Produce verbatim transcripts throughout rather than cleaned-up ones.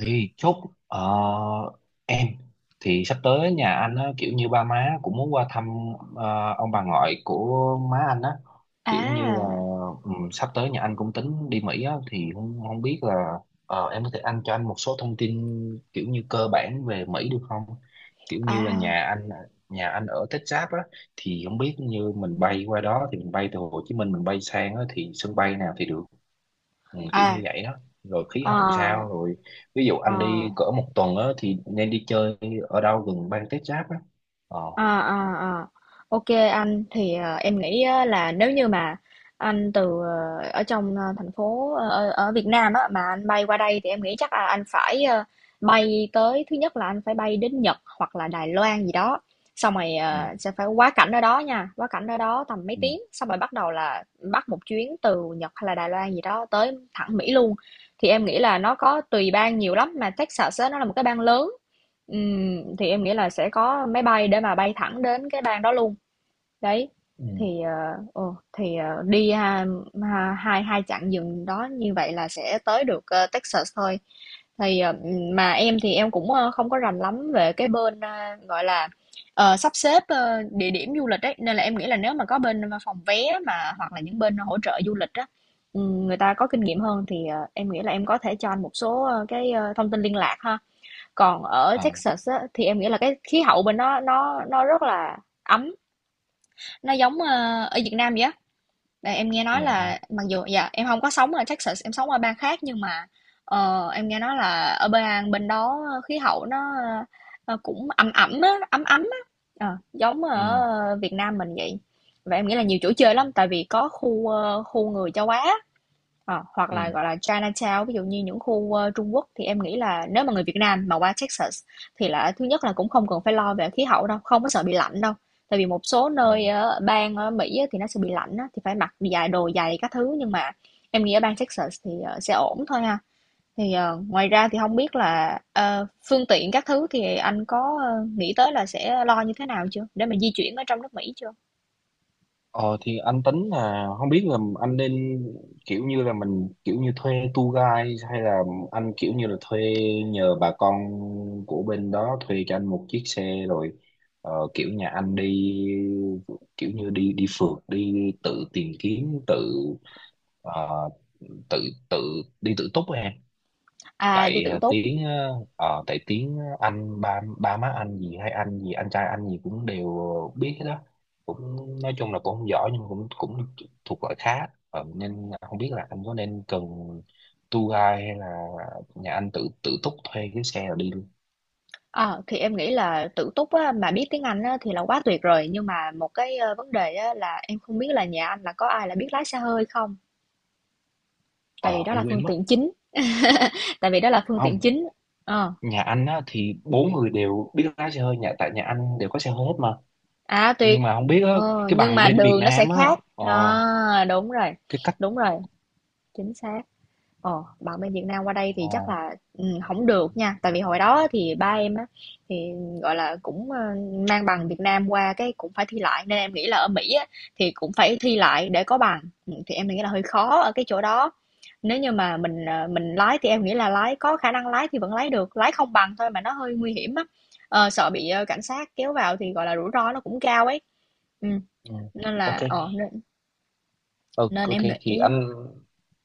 Thì chốt, ờ, em thì sắp tới nhà anh á, kiểu như ba má cũng muốn qua thăm ờ, ông bà ngoại của má anh á, kiểu như là À, ừ, sắp tới nhà anh cũng tính đi Mỹ á, thì không không biết là ờ, em có thể anh cho anh một số thông tin kiểu như cơ bản về Mỹ được không, kiểu như là à, nhà anh nhà anh ở Texas á, thì không biết như mình bay qua đó thì mình bay từ Hồ Chí Minh mình bay sang á thì sân bay nào thì được. Ừ, kiểu như à, vậy đó, rồi khí hậu ờ, sao rồi, ví dụ ờ. anh đi cỡ một tuần á thì nên đi chơi ở đâu gần bang tiếp giáp á. ờ À, à, à. Ok, anh thì ờ, em nghĩ á, là nếu như mà anh từ ờ, ở trong ờ, thành phố ờ, ở, ở Việt Nam á, mà anh bay qua đây thì em nghĩ chắc là anh phải ờ, bay tới. Thứ nhất là anh phải bay đến Nhật hoặc là Đài Loan gì đó, xong rồi ừ, ờ, sẽ phải quá cảnh ở đó nha, quá cảnh ở đó tầm mấy ừ, tiếng, xong rồi bắt đầu là bắt một chuyến từ Nhật hay là Đài Loan gì đó tới thẳng Mỹ luôn. Thì em nghĩ là nó có tùy bang nhiều lắm, mà Texas á, nó là một cái bang lớn. Ừm, thì em nghĩ là sẽ có máy bay để mà bay thẳng đến cái bang đó luôn. Đấy. ừ, Thì ờ, ồ, thì ờ, đi ha, ha, hai hai chặng dừng đó như vậy là sẽ tới được ờ, Texas thôi. Thì ờ, mà em thì em cũng ờ, không có rành lắm về cái bên ờ, gọi là ờ, sắp xếp ờ, địa điểm du lịch ấy, nên là em nghĩ là nếu mà có bên ờ, phòng vé, mà hoặc là những bên hỗ trợ du lịch á, ừm, người ta có kinh nghiệm hơn thì ờ, em nghĩ là em có thể cho anh một số ờ, cái ờ, thông tin liên lạc ha. Còn ở à, Texas á, thì em nghĩ là cái khí hậu bên đó nó nó rất là ấm, nó giống, ờ, ở Việt Nam vậy á. Và em nghe dạ nói em, là mặc dù dạ em không có sống ở Texas, em sống ở bang khác, nhưng mà ờ, em nghe nói là ở bang bên đó khí hậu nó ờ, cũng ẩm ẩm á, ấm ấm á. Ờ, giống ừ, ở Việt Nam mình vậy. Và em nghĩ là nhiều chỗ chơi lắm, tại vì có khu ờ, khu người châu Á. Ờ, hoặc ừ, là, gọi là, Chinatown, ví dụ như những khu, ơ, Trung Quốc, thì em nghĩ là nếu mà người Việt Nam mà qua Texas thì là thứ nhất là cũng không cần phải lo về khí hậu đâu, không có sợ bị lạnh đâu. Tại vì một số ừ. nơi ở bang ở Mỹ á thì nó sẽ bị lạnh á, thì phải mặc dài đồ dày các thứ, nhưng mà em nghĩ ở bang Texas thì, ờ, sẽ ổn thôi ha. Thì, ờ, ngoài ra thì không biết là, ờ, phương tiện các thứ thì anh có, ơ, nghĩ tới là sẽ lo như thế nào chưa? Để mà di chuyển ở trong nước Mỹ chưa? ờ thì anh tính là không biết là anh nên kiểu như là mình kiểu như thuê tour guide hay là anh kiểu như là thuê, nhờ bà con của bên đó thuê cho anh một chiếc xe rồi, ờ, kiểu nhà anh đi kiểu như đi đi phượt, đi tự tìm kiếm tự, Ờ, tự tự đi tự túc á em. À, đi Tại tự ờ, túc. tiếng ờ, ờ, tại tiếng anh ba ba má anh gì hay anh gì anh trai anh gì cũng đều biết hết đó, cũng nói chung là cũng không giỏi nhưng mà cũng cũng thuộc loại khá. Ờ, nên không biết là anh có nên cần tour guide hay là nhà anh tự tự túc thuê cái xe rồi đi luôn. Ờ, thì em nghĩ là tự túc á, mà biết tiếng Anh á, thì là quá tuyệt rồi, nhưng mà một cái ờ, vấn đề á, là em không biết là nhà anh là có ai là biết lái xe hơi không, tại vì Ờ, đó anh là phương quên mất. tiện chính. Tại vì đó là phương tiện Không, chính. Ờ, nhà anh á thì bốn người đều biết lái xe hơi, nhà tại nhà anh đều có xe hơi hết mà, à tuyệt. nhưng mà không biết á, Ờ, cái nhưng bằng mà bên Việt đường nó sẽ Nam á, khác ờ, à, đúng rồi. cái cách, Đúng rồi, chính xác. Ờ, bạn bên Việt Nam qua đây ờ, thì chắc là ừ, không được nha, tại vì hồi đó thì ba em á thì gọi là cũng ờ, mang bằng Việt Nam qua, cái cũng phải thi lại, nên em nghĩ là ở Mỹ á thì cũng phải thi lại để có bằng. Ừ, thì em nghĩ là hơi khó ở cái chỗ đó. Nếu như mà mình ờ, mình lái thì em nghĩ là lái có khả năng lái thì vẫn lái được, lái không bằng thôi mà nó hơi nguy hiểm á. Ờ, sợ bị ờ, cảnh sát kéo vào thì gọi là rủi ro nó cũng cao ấy, ừ. ừ. Nên Ok. là ờ, nên, Ờ, nên ok em thì nghĩ. anh,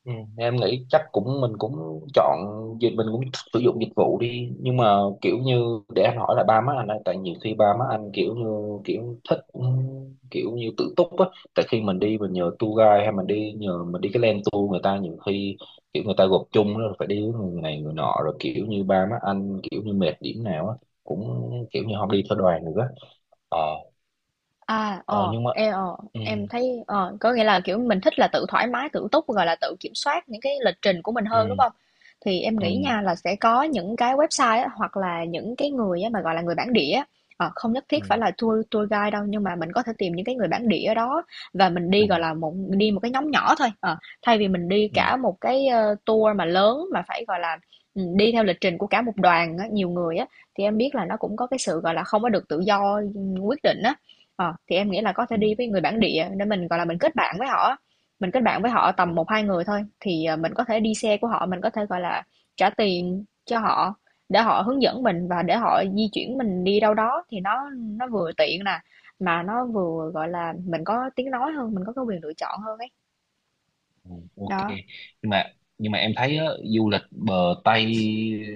ừ, em nghĩ chắc cũng mình cũng chọn dịch mình cũng sử dụng dịch vụ đi, nhưng mà kiểu như để anh hỏi là ba má anh ấy, tại nhiều khi ba má anh kiểu như kiểu thích, ừ, kiểu như tự túc á, tại khi mình đi mình nhờ tour guide hay mình đi nhờ mình đi cái land tour người ta nhiều khi kiểu người ta gộp chung rồi phải đi với người này người nọ, rồi kiểu như ba má anh kiểu như mệt điểm nào á cũng kiểu như không đi theo đoàn nữa. ờ À, ờ ờ, nhưng mà, em, ờ, ừ, em thấy ờ, có nghĩa là, kiểu, mình thích là tự thoải mái, tự túc, gọi là, tự kiểm soát những cái lịch trình của mình hơn, đúng ừ, không? Thì em ừ, nghĩ nha là sẽ có những cái website á, hoặc là những cái người á mà, gọi là, người bản địa á, ờ, không nhất thiết phải ừ, là tour tour guide đâu, nhưng mà mình có thể tìm những cái người bản địa ở đó và mình ừ, đi, gọi là, một đi một cái nhóm nhỏ thôi, ờ, thay vì mình đi ừ, cả một cái, ơ, tour mà lớn mà phải, gọi là, ừm, đi theo lịch trình của cả một đoàn á, nhiều người á, thì em biết là nó cũng có cái sự, gọi là, không có được tự do, ừm, quyết định á. Ờ, thì em nghĩ là có thể đi ừ, với người bản địa để mình gọi là mình kết bạn với họ, mình kết bạn với họ tầm o-, một hai người thôi, thì ờ, mình có thể đi xe của họ, mình có thể gọi là trả tiền cho họ để họ hướng dẫn mình và để họ di chuyển mình đi đâu đó, thì nó nó vừa tiện nè, mà nó vừa gọi là mình có tiếng nói hơn, mình có cái quyền lựa chọn hơn ấy. ừ, ok. Đó. Nhưng mà nhưng mà em thấy á, du lịch bờ Tây,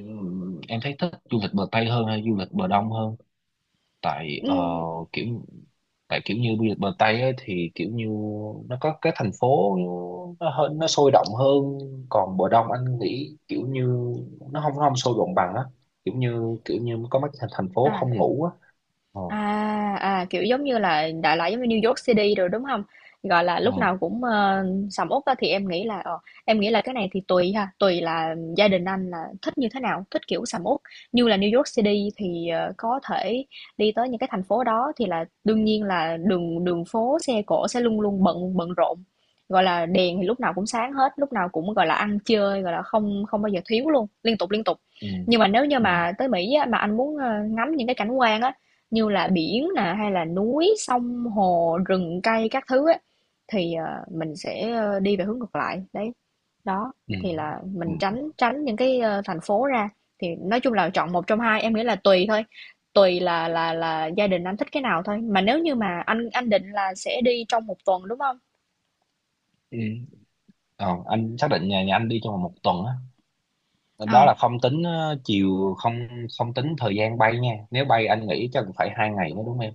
ừ, em thấy thích du lịch bờ Tây hơn hay du lịch bờ Đông hơn? Tại Ừ, ờ, kiểu tại kiểu như du lịch bờ Tây á, thì kiểu như nó có cái thành phố, nó hơn, nó sôi động hơn. Còn bờ Đông anh nghĩ kiểu như nó không nó không sôi động bằng á, kiểu như kiểu như có mấy thành thành phố à. không ngủ á. ờ À, à, kiểu giống như là đại loại giống như New York City rồi, đúng không? Gọi là, ừ, lúc nào cũng, ờ, sầm uất á, thì em nghĩ là, ờ, em nghĩ là cái này thì tùy ha, tùy là gia đình anh là thích như thế nào, thích kiểu sầm uất. Như là New York City thì, ờ, có thể đi tới những cái thành phố đó thì là đương nhiên là đường đường phố, xe cộ sẽ luôn luôn bận bận rộn, gọi là, đèn thì lúc nào cũng sáng hết, lúc nào cũng, gọi là, ăn chơi, gọi là, không không bao giờ thiếu luôn, liên tục, liên tục. Nhưng mà nếu như ừ, mà tới Mỹ á, mà anh muốn, ơ, ngắm những cái cảnh quan á, như là biển nè, hay là núi, sông, hồ, rừng cây các thứ ấy, thì, ờ, mình sẽ, ơ, đi về hướng ngược lại, đấy. Đó, ừ, thì là ừ, mình tránh tránh những cái, ơ, thành phố ra, thì nói chung là chọn một trong hai, em nghĩ là tùy thôi, tùy là là là gia đình anh thích cái nào thôi. Mà nếu như mà anh anh định là sẽ đi trong một tuần, đúng không? ừ. Ờ, anh xác định nhà nhà anh đi trong vòng một tuần á, đó À, là không tính ờ, chiều không, không tính thời gian bay nha, nếu bay anh nghĩ chắc cũng phải hai ngày mới đúng em.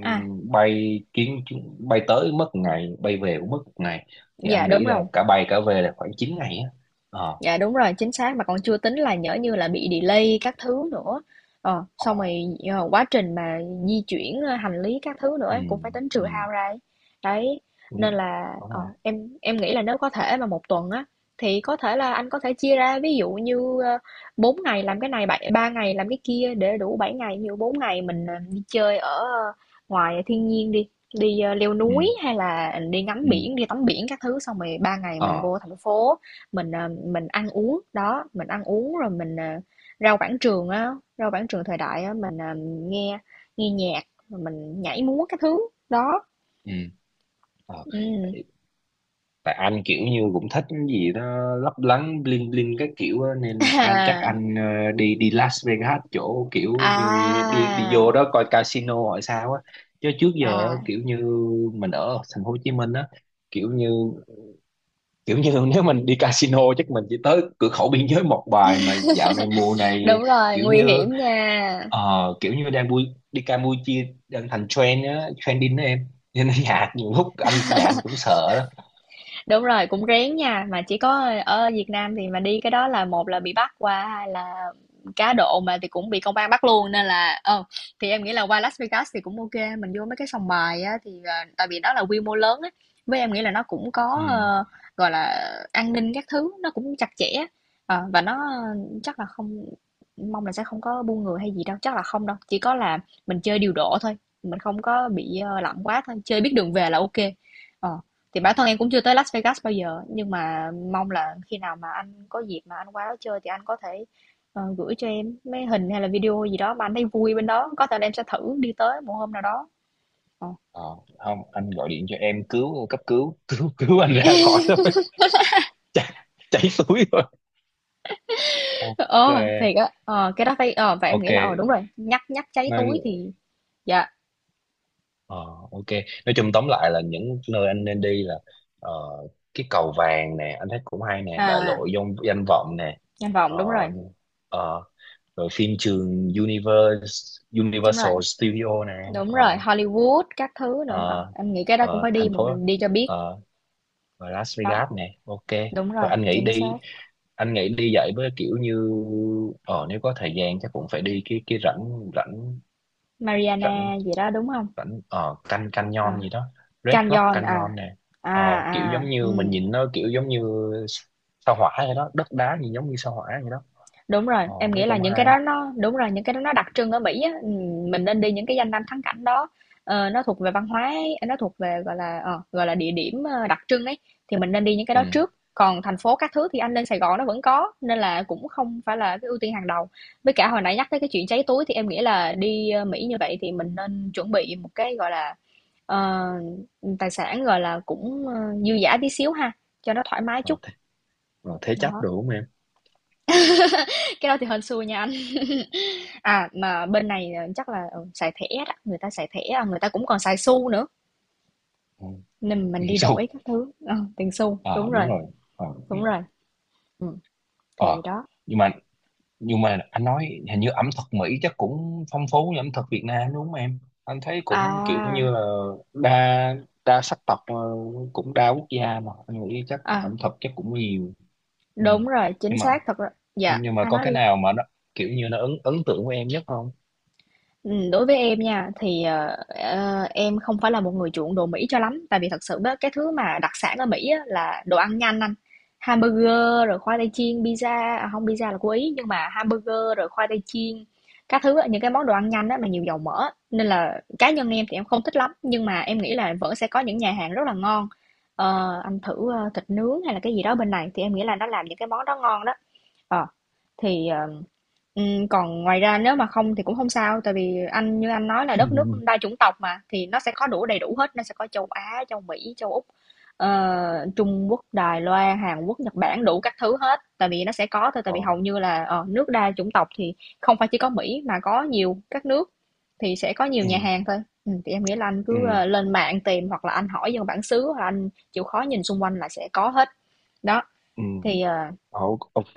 à, bay chuyến chuyến- bay tới mất một ngày, bay về cũng mất một ngày, thì dạ, anh đúng nghĩ là rồi. cả bay cả về là khoảng chín ngày á. ờ Dạ, đúng rồi, chính xác, mà còn chưa tính là nhỡ như là bị delay các thứ nữa. Ờ, ờ xong rồi, ờ, quá trình mà di chuyển, ơ, hành lý các thứ nữa ừ, ấy, cũng phải tính ừ, trừ hao ra ấy. Đấy, đúng, nên là, đúng ờ, rồi, em em nghĩ là nếu có thể mà một tuần á, thì có thể là anh có thể chia ra, ví dụ như, ơ, bốn ngày làm cái này, bảy ba ngày làm cái kia để đủ bảy ngày. Ví dụ bốn ngày mình, ờ, đi chơi ở ờ, ngoài thiên nhiên đi, đi, ơ, leo ừ, núi hay là đi ngắm ừ, biển, đi tắm biển các thứ, xong rồi ba ngày mình ờ, vô thành phố, mình, ờ, mình ăn uống, đó, mình ăn uống rồi mình, ờ, rau Quảng Trường á, rau Quảng Trường thời đại á, mình, ờ, nghe nghe nhạc, rồi mình nhảy múa cái thứ, đó, ừ, ờ. ừm. Tại anh kiểu như cũng thích cái gì đó lấp lánh, bling bling các kiểu á, nên anh chắc À, anh, ờ, đi đi Las Vegas, chỗ kiểu như đi đi à, vô đó coi casino hỏi sao á. Chứ trước giờ á, à, kiểu như mình ở thành phố Hồ Chí Minh á, kiểu như kiểu như nếu mình đi casino chắc mình chỉ tới cửa khẩu biên giới một bài, mà dạo này mùa này đúng rồi, kiểu nguy như, hiểm nha. ờ, kiểu như đang vui, đi Campuchia đang thành trend á, trending đó em, nên nhà nhiều lúc anh nhà anh cũng sợ đó. Đúng rồi, cũng rén nha, mà chỉ có ở Việt Nam thì mà đi cái đó là một là bị bắt qua, hai là cá độ mà thì cũng bị công an bắt luôn, nên là ờ thì em nghĩ là qua Las Vegas thì cũng ok, mình vô mấy cái sòng bài á thì ờ, tại vì đó là quy mô lớn á, với em nghĩ là nó cũng có Ừ. ờ, gọi là an ninh các thứ nó cũng chặt chẽ. Ờ, và nó chắc là không, mong là sẽ không có buôn người hay gì đâu, chắc là không đâu, chỉ có là mình chơi điều độ thôi, mình không có bị ờ, lặng quá thôi, chơi biết đường về là ok. Ờ thì bản thân em cũng chưa tới Las Vegas bao giờ, nhưng mà mong là khi nào mà anh có dịp mà anh qua đó chơi thì anh có thể ờ, gửi cho em mấy hình hay là video gì đó mà anh thấy vui bên đó, có thể là em sẽ thử đi tới một hôm nào đó. Ờ, Ờ, không anh gọi điện cho em cứu, cấp cứu cứu cứu anh ra khỏi thôi chảy, chảy suối rồi, ok, ờ thiệt á, ờ, cái đó phải, ờ, và em ok nghĩ là, ờ đúng rồi, nhắc nhắc cháy nên, túi thì, dạ, ờ, ok. Nói chung tóm lại là những nơi anh nên đi là, ờ, cái cầu vàng nè anh thấy cũng hay nè, đại à, lộ danh danh vọng nè, danh vọng ờ, đúng rồi, ờ, rồi phim trường Universe đúng Universal rồi, Studio nè, đúng rồi, ờ, Hollywood các thứ nữa, ờ, ờ, em nghĩ cái đó cũng ờ, phải đi thành một phố, đi cho biết, ờ, và Las đó, Vegas nè, ok. đúng rồi, Thôi anh nghĩ chính đi, xác, anh nghĩ đi dạy với kiểu như, ờ nếu có thời gian chắc cũng phải đi cái cái rãnh, rãnh Mariana rãnh gì đó đúng không? rãnh ờ Can Ờ Canyon gì đó, Red Rock Canyon à. Canyon nè. Ờ, À, kiểu giống à, như mình ừm, nhìn nó kiểu giống như sao hỏa vậy đó, đất đá nhìn giống như sao hỏa vậy đó, đúng rồi, ờ em thấy nghĩ là cũng những cái hay. đó nó đúng rồi, những cái đó nó đặc trưng ở Mỹ á, ừm, mình nên đi những cái danh lam thắng cảnh đó. Ờ, nó thuộc về văn hóa ấy, nó thuộc về gọi là ờ, gọi là địa điểm ờ, đặc trưng ấy thì mình nên đi những cái Ừ. đó trước. Còn thành phố các thứ thì anh lên Sài Gòn nó vẫn có nên là cũng không phải là cái ưu tiên hàng đầu. Với cả hồi nãy nhắc tới cái chuyện cháy túi thì em nghĩ là đi ờ, Mỹ như vậy thì mình nên chuẩn bị một cái gọi là ờ, tài sản gọi là cũng ờ, dư dả tí xíu ha, cho nó thoải mái Ờ, chút. thế, ờ, thế chấp Đó. được không em? Cái đó thì hên xui nha anh. À, mà bên này, ờ, chắc là, ừ, xài thẻ đó, người ta xài thẻ, à, người ta cũng còn xài xu nữa, Ừ. nên mình đi đổi Sâu, các thứ, ờ, tiền xu, đúng ờ rồi, đúng rồi, ờ, ừ. đúng rồi, ừm, thì Ờ. đó. Nhưng mà nhưng mà anh nói hình như ẩm thực Mỹ chắc cũng phong phú như ẩm thực Việt Nam đúng không em? Anh thấy cũng kiểu À, như là đa đa sắc tộc, ờ, cũng đa quốc gia, mà anh nghĩ chắc à, ẩm thực chắc cũng nhiều. Ừ. đúng rồi, chính Nhưng mà xác, thật ra dạ, nhưng mà anh có nói cái đi. nào mà nó kiểu như nó ấn ấn tượng với em nhất không? Ừm, đối với em nha, thì, ờ, ờ, em không phải là một người chuộng đồ Mỹ cho lắm, tại vì thật sự á, cái thứ mà đặc sản ở Mỹ á, là đồ ăn nhanh anh. Hamburger rồi khoai tây chiên, pizza à, hông, pizza là của Ý, nhưng mà hamburger rồi khoai tây chiên, các thứ á, những cái món đồ ăn nhanh á, mà nhiều dầu mỡ á, nên là cá nhân em thì em không thích lắm, nhưng mà em nghĩ là vẫn sẽ có những nhà hàng rất là ngon. Ờ, anh thử, ơ, thịt nướng hay là cái gì đó bên này thì em nghĩ là nó làm những cái món đó ngon đó. Ờ, thì, ờ Ừm, còn ngoài ra nếu mà không thì cũng không sao, tại vì anh như anh nói là đất nước đa chủng tộc mà, thì nó sẽ có đủ đầy đủ hết, nó sẽ có châu Á, châu Mỹ, châu Úc, ờ, Trung Quốc, Đài Loan, Hàn Quốc, Nhật Bản, đủ các thứ hết, tại vì nó sẽ có thôi, tại ờ, vì hầu như là, ờ, nước đa chủng tộc thì không phải chỉ có Mỹ mà có nhiều các nước thì sẽ có nhiều nhà ừ, hàng thôi. Ừm, thì em nghĩ là anh ừ, cứ, ơ, lên mạng tìm hoặc là anh hỏi dân bản xứ hoặc là anh chịu khó nhìn xung quanh là sẽ có hết. Đó, ừ. thì, ờ Ồ, ok,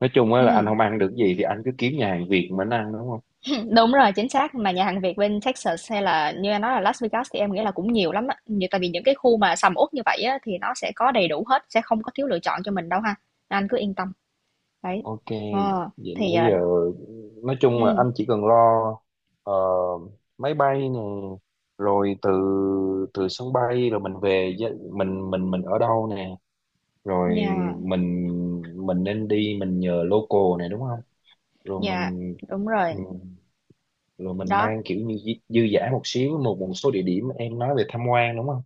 nói chung á là anh ừm. không ăn được gì thì anh cứ kiếm nhà hàng Việt mà anh ăn đúng. Đúng rồi, chính xác, mà nhà hàng Việt bên Texas hay là như anh nói là Las Vegas thì em nghĩ là cũng nhiều lắm á. Như tại vì những cái khu mà sầm uất như vậy á thì nó sẽ có đầy đủ hết, sẽ không có thiếu lựa chọn cho mình đâu ha. Anh cứ yên tâm. Đấy. Ok, Ờ vậy thì nãy giờ uh, nói chung là ừ, anh chỉ cần lo, ờ, máy bay nè, rồi từ từ sân bay rồi mình về gia-, mình mình mình ở đâu nè, rồi nhà mình mình nên đi mình nhờ local này đúng không? Rồi nhà mình, đúng ừ, rồi. rồi mình Đó, mang kiểu như dư dư dả một xíu, một một số địa điểm em nói về tham quan đúng không?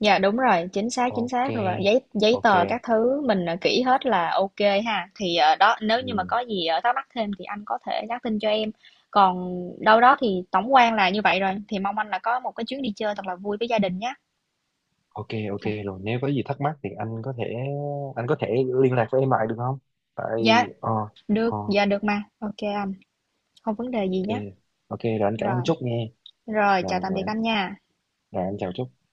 dạ đúng rồi, chính xác, chính Ok, xác rồi. Giấy giấy ok. tờ các thứ mình, ờ, kỹ hết là ok ha. Thì, ờ, đó, nếu như mà Ừ. có gì, ờ, thắc mắc thêm thì anh có thể nhắn tin cho em. Còn đâu đó thì tổng quan là như vậy rồi, thì mong anh là có một cái chuyến đi chơi thật là vui với gia đình nhé. Ok, ok rồi, nếu có gì thắc mắc thì anh có thể anh có thể liên lạc với em lại được không? Tại, Dạ, ờ, được, ờ, dạ được mà. Ok anh, không vấn đề gì ok, nhé. ok rồi anh cảm Rồi, ơn Trúc nghe. rồi Rồi, chào tạm rồi, biệt anh nha. rồi anh chào Trúc.